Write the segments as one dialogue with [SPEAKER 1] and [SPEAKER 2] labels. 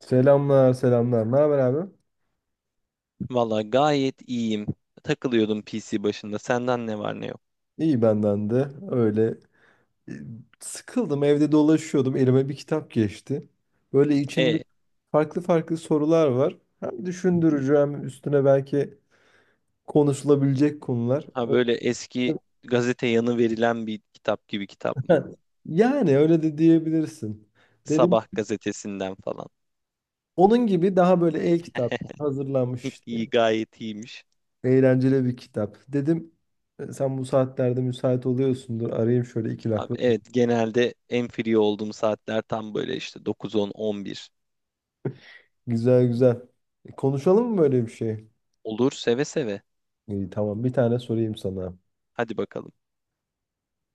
[SPEAKER 1] Selamlar, selamlar. Ne haber abi?
[SPEAKER 2] Valla gayet iyiyim. Takılıyordum PC başında. Senden ne var ne yok.
[SPEAKER 1] İyi benden de. Öyle e, sıkıldım, evde dolaşıyordum. Elime bir kitap geçti. Böyle içinde
[SPEAKER 2] E,
[SPEAKER 1] farklı farklı sorular var. Hem düşündürücü hem üstüne belki konuşulabilecek konular.
[SPEAKER 2] ha böyle eski gazete yanı verilen bir kitap gibi kitap mı?
[SPEAKER 1] Yani öyle de diyebilirsin. Dedim
[SPEAKER 2] Sabah gazetesinden falan.
[SPEAKER 1] onun gibi daha böyle e-kitap hazırlanmış
[SPEAKER 2] İyi
[SPEAKER 1] işte.
[SPEAKER 2] gayet iyiymiş.
[SPEAKER 1] Eğlenceli bir kitap. Dedim sen bu saatlerde müsait oluyorsundur. Arayayım şöyle iki lak.
[SPEAKER 2] Abi, evet, genelde en free olduğum saatler tam böyle işte 9-10, 11.
[SPEAKER 1] Güzel güzel. E, konuşalım mı böyle bir şey?
[SPEAKER 2] Olur, seve seve.
[SPEAKER 1] İyi, tamam bir tane sorayım sana.
[SPEAKER 2] Hadi bakalım.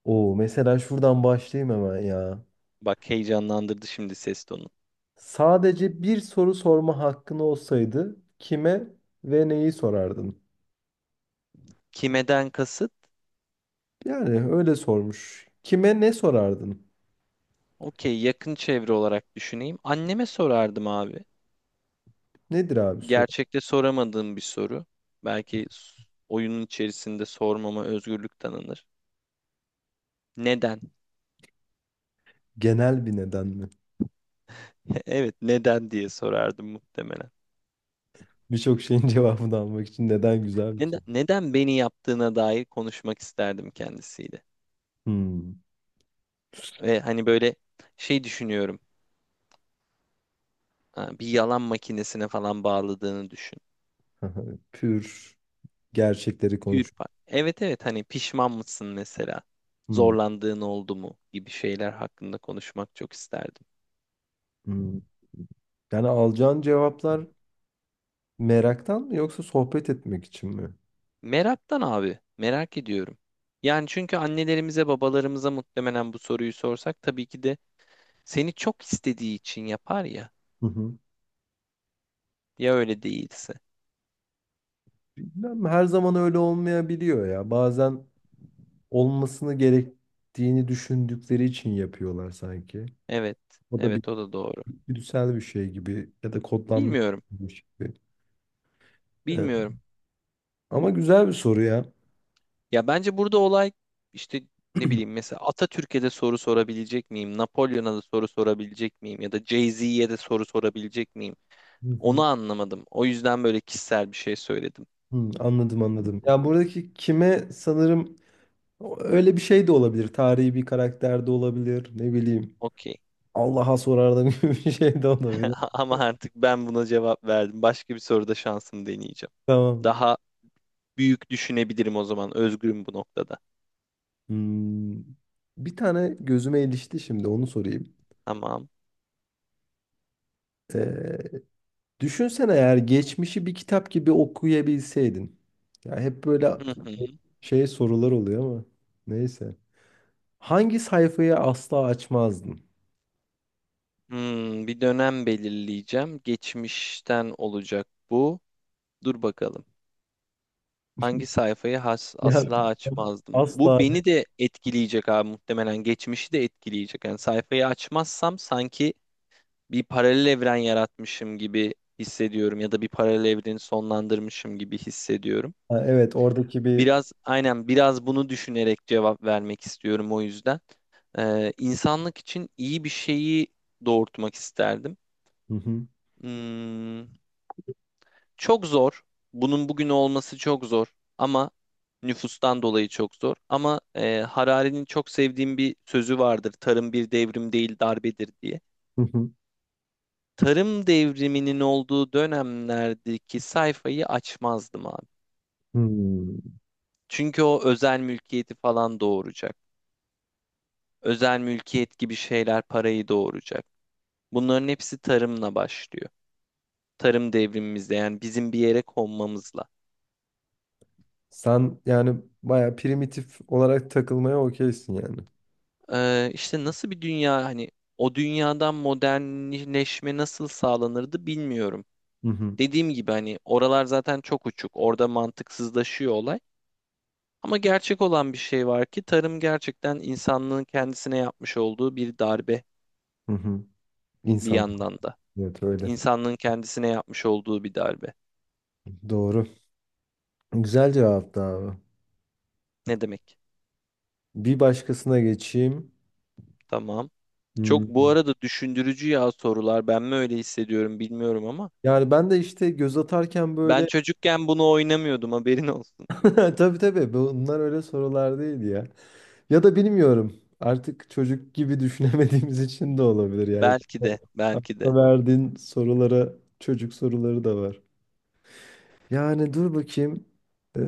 [SPEAKER 1] Oo mesela şuradan başlayayım hemen ya.
[SPEAKER 2] Bak, heyecanlandırdı şimdi ses tonu.
[SPEAKER 1] Sadece bir soru sorma hakkın olsaydı kime ve neyi sorardın?
[SPEAKER 2] Kimeden kasıt?
[SPEAKER 1] Yani öyle sormuş. Kime ne sorardın?
[SPEAKER 2] Okey, yakın çevre olarak düşüneyim. Anneme sorardım abi.
[SPEAKER 1] Nedir abi soru?
[SPEAKER 2] Gerçekte soramadığım bir soru. Belki oyunun içerisinde sormama özgürlük tanınır. Neden?
[SPEAKER 1] Genel bir neden mi?
[SPEAKER 2] Evet, neden diye sorardım muhtemelen.
[SPEAKER 1] Birçok şeyin cevabını almak için neden güzel bir
[SPEAKER 2] Neden,
[SPEAKER 1] soru.
[SPEAKER 2] neden beni yaptığına dair konuşmak isterdim kendisiyle.
[SPEAKER 1] Hmm.
[SPEAKER 2] Ve hani böyle şey düşünüyorum. Ha, bir yalan makinesine falan bağladığını düşün.
[SPEAKER 1] Pür gerçekleri
[SPEAKER 2] Tüyür
[SPEAKER 1] konuş.
[SPEAKER 2] Evet, evet, hani pişman mısın mesela?
[SPEAKER 1] Hmm.
[SPEAKER 2] Zorlandığın oldu mu, gibi şeyler hakkında konuşmak çok isterdim.
[SPEAKER 1] Hmm. Yani alacağın cevaplar meraktan mı yoksa sohbet etmek için mi?
[SPEAKER 2] Meraktan abi, merak ediyorum. Yani çünkü annelerimize, babalarımıza muhtemelen bu soruyu sorsak tabii ki de seni çok istediği için yapar ya.
[SPEAKER 1] Hı hı.
[SPEAKER 2] Ya öyle değilse.
[SPEAKER 1] Bilmem her zaman öyle olmayabiliyor ya. Bazen olmasını gerektiğini düşündükleri için yapıyorlar sanki.
[SPEAKER 2] Evet,
[SPEAKER 1] O da bir
[SPEAKER 2] evet, o da doğru.
[SPEAKER 1] güdüsel bir şey gibi ya da kodlanmış
[SPEAKER 2] Bilmiyorum,
[SPEAKER 1] bir şey gibi. Evet.
[SPEAKER 2] bilmiyorum.
[SPEAKER 1] Ama güzel bir soru ya.
[SPEAKER 2] Ya bence burada olay işte ne bileyim mesela Atatürk'e de soru sorabilecek miyim? Napolyon'a da soru sorabilecek miyim? Ya da Jay-Z'ye de soru sorabilecek miyim?
[SPEAKER 1] Hı
[SPEAKER 2] Onu
[SPEAKER 1] hı.
[SPEAKER 2] anlamadım. O yüzden böyle kişisel bir şey söyledim.
[SPEAKER 1] Hmm, anladım anladım. Ya buradaki kime sanırım öyle bir şey de olabilir. Tarihi bir karakter de olabilir. Ne bileyim.
[SPEAKER 2] Okey.
[SPEAKER 1] Allah'a sorardım gibi bir şey de olabilir.
[SPEAKER 2] Ama artık ben buna cevap verdim. Başka bir soruda şansımı deneyeceğim.
[SPEAKER 1] Tamam.
[SPEAKER 2] Daha büyük düşünebilirim o zaman. Özgürüm bu noktada.
[SPEAKER 1] Hmm, bir tane gözüme ilişti şimdi onu sorayım.
[SPEAKER 2] Tamam.
[SPEAKER 1] Ee, düşünsene eğer geçmişi bir kitap gibi okuyabilseydin. Ya hep böyle
[SPEAKER 2] Hı hı.
[SPEAKER 1] şey sorular oluyor ama neyse. Hangi sayfayı asla açmazdın?
[SPEAKER 2] Hmm, bir dönem belirleyeceğim. Geçmişten olacak bu. Dur bakalım. Hangi sayfayı
[SPEAKER 1] Ya
[SPEAKER 2] asla açmazdım? Bu
[SPEAKER 1] asla.
[SPEAKER 2] beni de etkileyecek abi muhtemelen. Geçmişi de etkileyecek. Yani sayfayı açmazsam sanki bir paralel evren yaratmışım gibi hissediyorum ya da bir paralel evreni sonlandırmışım gibi hissediyorum.
[SPEAKER 1] Ha, evet oradaki bir
[SPEAKER 2] Biraz aynen, biraz bunu düşünerek cevap vermek istiyorum o yüzden. İnsanlık için iyi bir şeyi doğurtmak isterdim.
[SPEAKER 1] hı hı,
[SPEAKER 2] Hmm, çok zor. Bunun bugün olması çok zor ama nüfustan dolayı çok zor. Ama Harari'nin çok sevdiğim bir sözü vardır. Tarım bir devrim değil darbedir diye.
[SPEAKER 1] hı hı,
[SPEAKER 2] Tarım devriminin olduğu dönemlerdeki sayfayı açmazdım abi.
[SPEAKER 1] hmm.
[SPEAKER 2] Çünkü o özel mülkiyeti falan doğuracak. Özel mülkiyet gibi şeyler parayı doğuracak. Bunların hepsi tarımla başlıyor. Tarım devrimimizde, yani bizim bir yere konmamızla.
[SPEAKER 1] Sen yani baya primitif olarak takılmaya okeysin yani.
[SPEAKER 2] İşte nasıl bir dünya hani o dünyadan modernleşme nasıl sağlanırdı bilmiyorum.
[SPEAKER 1] Hı hı,
[SPEAKER 2] Dediğim gibi hani oralar zaten çok uçuk. Orada mantıksızlaşıyor olay. Ama gerçek olan bir şey var ki tarım gerçekten insanlığın kendisine yapmış olduğu bir darbe
[SPEAKER 1] hı hı.
[SPEAKER 2] bir
[SPEAKER 1] İnsan.
[SPEAKER 2] yandan da.
[SPEAKER 1] Evet öyle.
[SPEAKER 2] İnsanlığın kendisine yapmış olduğu bir darbe.
[SPEAKER 1] Doğru. Güzel cevaptı abi.
[SPEAKER 2] Ne demek?
[SPEAKER 1] Bir başkasına geçeyim.
[SPEAKER 2] Tamam. Çok
[SPEAKER 1] Hmm.
[SPEAKER 2] bu arada düşündürücü ya sorular. Ben mi öyle hissediyorum bilmiyorum ama
[SPEAKER 1] Yani ben de işte göz atarken
[SPEAKER 2] ben
[SPEAKER 1] böyle.
[SPEAKER 2] çocukken bunu oynamıyordum, haberin olsun.
[SPEAKER 1] Tabii tabii bunlar öyle sorular değil ya. Ya da bilmiyorum. Artık çocuk gibi düşünemediğimiz için de olabilir yani.
[SPEAKER 2] Belki de, belki de.
[SPEAKER 1] Akla verdiğin sorulara çocuk soruları da var. Yani dur bakayım. Ee,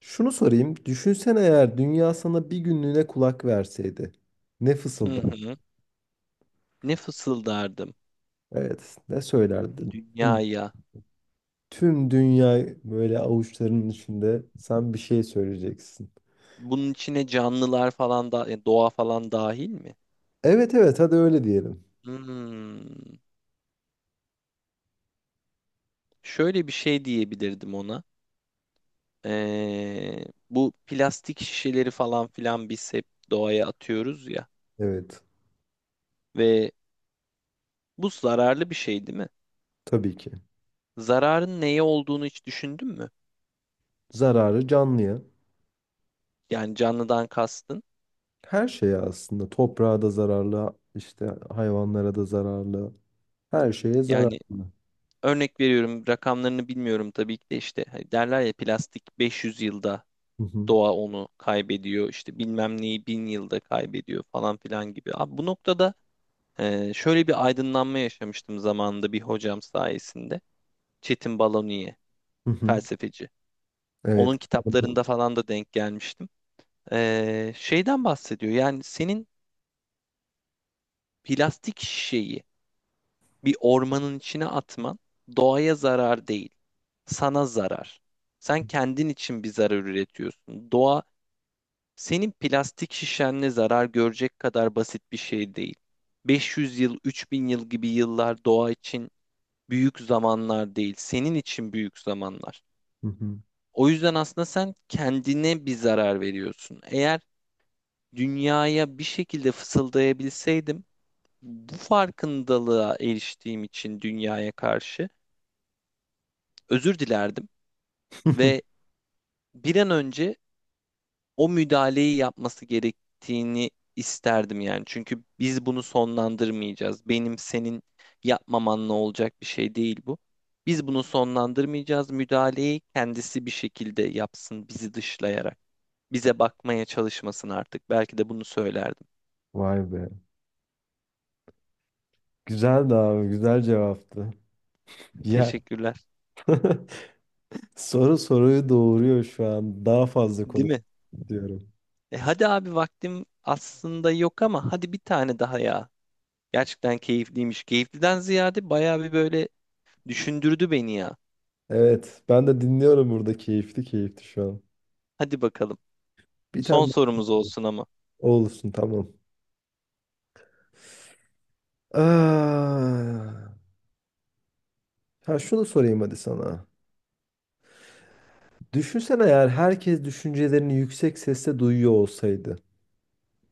[SPEAKER 1] şunu sorayım. Düşünsene eğer dünya sana bir günlüğüne kulak verseydi. Ne
[SPEAKER 2] Hı
[SPEAKER 1] fısıldar?
[SPEAKER 2] hı. Ne fısıldardım
[SPEAKER 1] Evet, ne söylerdin?
[SPEAKER 2] dünyaya.
[SPEAKER 1] Tüm dünya böyle avuçlarının içinde sen bir şey söyleyeceksin.
[SPEAKER 2] Bunun içine canlılar falan da doğa falan dahil mi?
[SPEAKER 1] Evet evet hadi öyle diyelim.
[SPEAKER 2] Hmm. Şöyle bir şey diyebilirdim ona. Bu plastik şişeleri falan filan biz hep doğaya atıyoruz ya
[SPEAKER 1] Evet
[SPEAKER 2] ve bu zararlı bir şey değil mi?
[SPEAKER 1] tabii ki.
[SPEAKER 2] Zararın neye olduğunu hiç düşündün mü?
[SPEAKER 1] Zararı canlıya.
[SPEAKER 2] Yani canlıdan kastın.
[SPEAKER 1] Her şeye aslında. Toprağa da zararlı, işte hayvanlara da zararlı. Her şeye
[SPEAKER 2] Yani
[SPEAKER 1] zararlı.
[SPEAKER 2] örnek veriyorum, rakamlarını bilmiyorum tabii ki de, işte hani derler ya plastik 500 yılda
[SPEAKER 1] Hı hı.
[SPEAKER 2] doğa onu kaybediyor, işte bilmem neyi 1000 yılda kaybediyor falan filan gibi. Abi bu noktada şöyle bir aydınlanma yaşamıştım zamanında bir hocam sayesinde. Çetin Baloniye
[SPEAKER 1] Hı hı.
[SPEAKER 2] felsefeci.
[SPEAKER 1] Evet.
[SPEAKER 2] Onun kitaplarında falan da denk gelmiştim. Şeyden bahsediyor, yani senin plastik şişeyi bir ormanın içine atman doğaya zarar değil, sana zarar. Sen kendin için bir zarar üretiyorsun. Doğa senin plastik şişenle zarar görecek kadar basit bir şey değil. 500 yıl, 3000 yıl gibi yıllar doğa için büyük zamanlar değil, senin için büyük zamanlar.
[SPEAKER 1] Hı hı.
[SPEAKER 2] O yüzden aslında sen kendine bir zarar veriyorsun. Eğer dünyaya bir şekilde fısıldayabilseydim, bu farkındalığa eriştiğim için dünyaya karşı özür dilerdim. Ve bir an önce o müdahaleyi yapması gerektiğini isterdim yani. Çünkü biz bunu sonlandırmayacağız. Benim senin yapmamanla olacak bir şey değil bu. Biz bunu sonlandırmayacağız. Müdahaleyi kendisi bir şekilde yapsın bizi dışlayarak. Bize bakmaya çalışmasın artık. Belki de bunu söylerdim.
[SPEAKER 1] Vay be. Güzeldi abi. Güzel cevaptı. Ya
[SPEAKER 2] Teşekkürler.
[SPEAKER 1] soru soruyu doğuruyor şu an. Daha fazla
[SPEAKER 2] Değil
[SPEAKER 1] konuş
[SPEAKER 2] mi?
[SPEAKER 1] diyorum.
[SPEAKER 2] E hadi abi vaktim aslında yok ama hadi bir tane daha ya. Gerçekten keyifliymiş. Keyifliden ziyade bayağı bir böyle düşündürdü beni ya.
[SPEAKER 1] Evet, ben de dinliyorum burada keyifli keyifli şu an.
[SPEAKER 2] Hadi bakalım.
[SPEAKER 1] Bir
[SPEAKER 2] Son
[SPEAKER 1] tane
[SPEAKER 2] sorumuz
[SPEAKER 1] daha
[SPEAKER 2] olsun ama.
[SPEAKER 1] olsun tamam. Ah, ha şunu sorayım hadi sana. Düşünsene eğer herkes düşüncelerini yüksek sesle duyuyor olsaydı.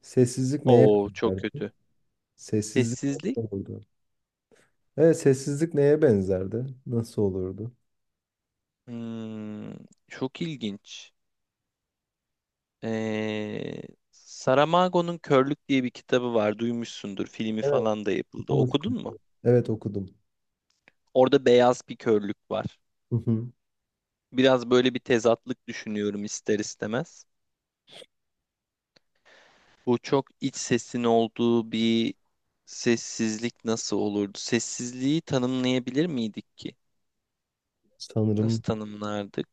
[SPEAKER 1] Sessizlik neye
[SPEAKER 2] Oo çok
[SPEAKER 1] benzerdi?
[SPEAKER 2] kötü.
[SPEAKER 1] Sessizlik nasıl
[SPEAKER 2] Sessizlik.
[SPEAKER 1] olurdu? Evet, sessizlik neye benzerdi? Nasıl olurdu?
[SPEAKER 2] Hmm, çok ilginç. Ee, Saramago'nun Körlük diye bir kitabı var. Duymuşsundur. Filmi
[SPEAKER 1] Evet,
[SPEAKER 2] falan da yapıldı. Okudun
[SPEAKER 1] okumuştum.
[SPEAKER 2] mu?
[SPEAKER 1] Evet, okudum.
[SPEAKER 2] Orada beyaz bir körlük var.
[SPEAKER 1] Hı hı.
[SPEAKER 2] Biraz böyle bir tezatlık düşünüyorum ister istemez. Bu çok iç sesin olduğu bir sessizlik nasıl olurdu? Sessizliği tanımlayabilir miydik ki?
[SPEAKER 1] Sanırım
[SPEAKER 2] Nasıl tanımlardık?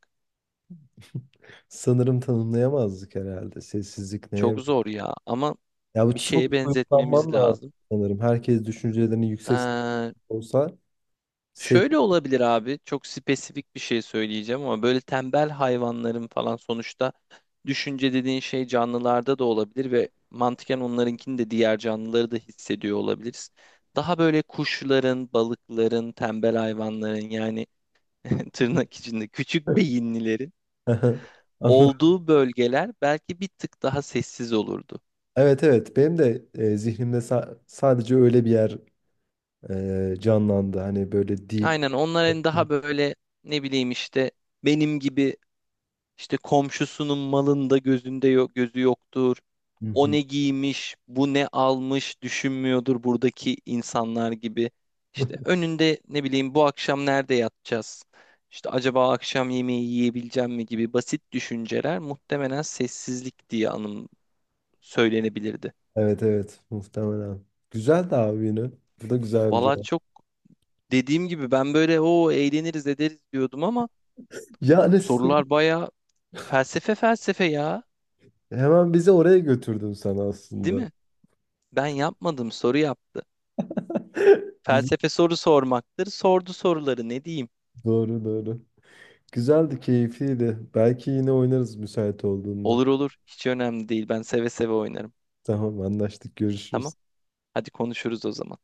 [SPEAKER 1] sanırım tanımlayamazdık herhalde. Sessizlik neye
[SPEAKER 2] Çok zor ya, ama
[SPEAKER 1] ya bu
[SPEAKER 2] bir
[SPEAKER 1] çok
[SPEAKER 2] şeye benzetmemiz
[SPEAKER 1] uyuklanman lazım
[SPEAKER 2] lazım.
[SPEAKER 1] sanırım. Herkes düşüncelerini yüksek sesle
[SPEAKER 2] Ee,
[SPEAKER 1] olsa ses...
[SPEAKER 2] Şöyle olabilir abi. Çok spesifik bir şey söyleyeceğim ama böyle tembel hayvanların falan sonuçta düşünce dediğin şey canlılarda da olabilir ve mantıken onlarınkini de diğer canlıları da hissediyor olabiliriz. Daha böyle kuşların, balıkların, tembel hayvanların yani tırnak içinde küçük beyinlilerin
[SPEAKER 1] Anladım.
[SPEAKER 2] olduğu bölgeler belki bir tık daha sessiz olurdu.
[SPEAKER 1] Evet evet benim de zihnimde sa- sadece öyle bir yer canlandı. Hani böyle deep.
[SPEAKER 2] Aynen, onların daha böyle ne bileyim işte benim gibi işte komşusunun malında gözünde yok, gözü yoktur.
[SPEAKER 1] Hı
[SPEAKER 2] O
[SPEAKER 1] hı.
[SPEAKER 2] ne giymiş, bu ne almış düşünmüyordur buradaki insanlar gibi. İşte önünde ne bileyim bu akşam nerede yatacağız? İşte acaba akşam yemeği yiyebileceğim mi gibi basit düşünceler muhtemelen sessizlik diye anım söylenebilirdi.
[SPEAKER 1] Evet evet muhtemelen. Güzel de abi yine. Bu da güzel bir
[SPEAKER 2] Valla
[SPEAKER 1] cevap.
[SPEAKER 2] çok dediğim gibi ben böyle o eğleniriz ederiz diyordum ama
[SPEAKER 1] Yani sen-
[SPEAKER 2] sorular bayağı felsefe felsefe ya,
[SPEAKER 1] hemen bizi oraya götürdün sen
[SPEAKER 2] değil
[SPEAKER 1] aslında.
[SPEAKER 2] mi? Ben yapmadım, soru yaptı.
[SPEAKER 1] Güzel.
[SPEAKER 2] Felsefe soru sormaktır. Sordu soruları, ne diyeyim?
[SPEAKER 1] Doğru doğru. Güzeldi, keyifliydi. Belki yine oynarız müsait olduğunda.
[SPEAKER 2] Olur olur, hiç önemli değil. Ben seve seve oynarım.
[SPEAKER 1] Tamam anlaştık görüşürüz.
[SPEAKER 2] Tamam, hadi konuşuruz o zaman.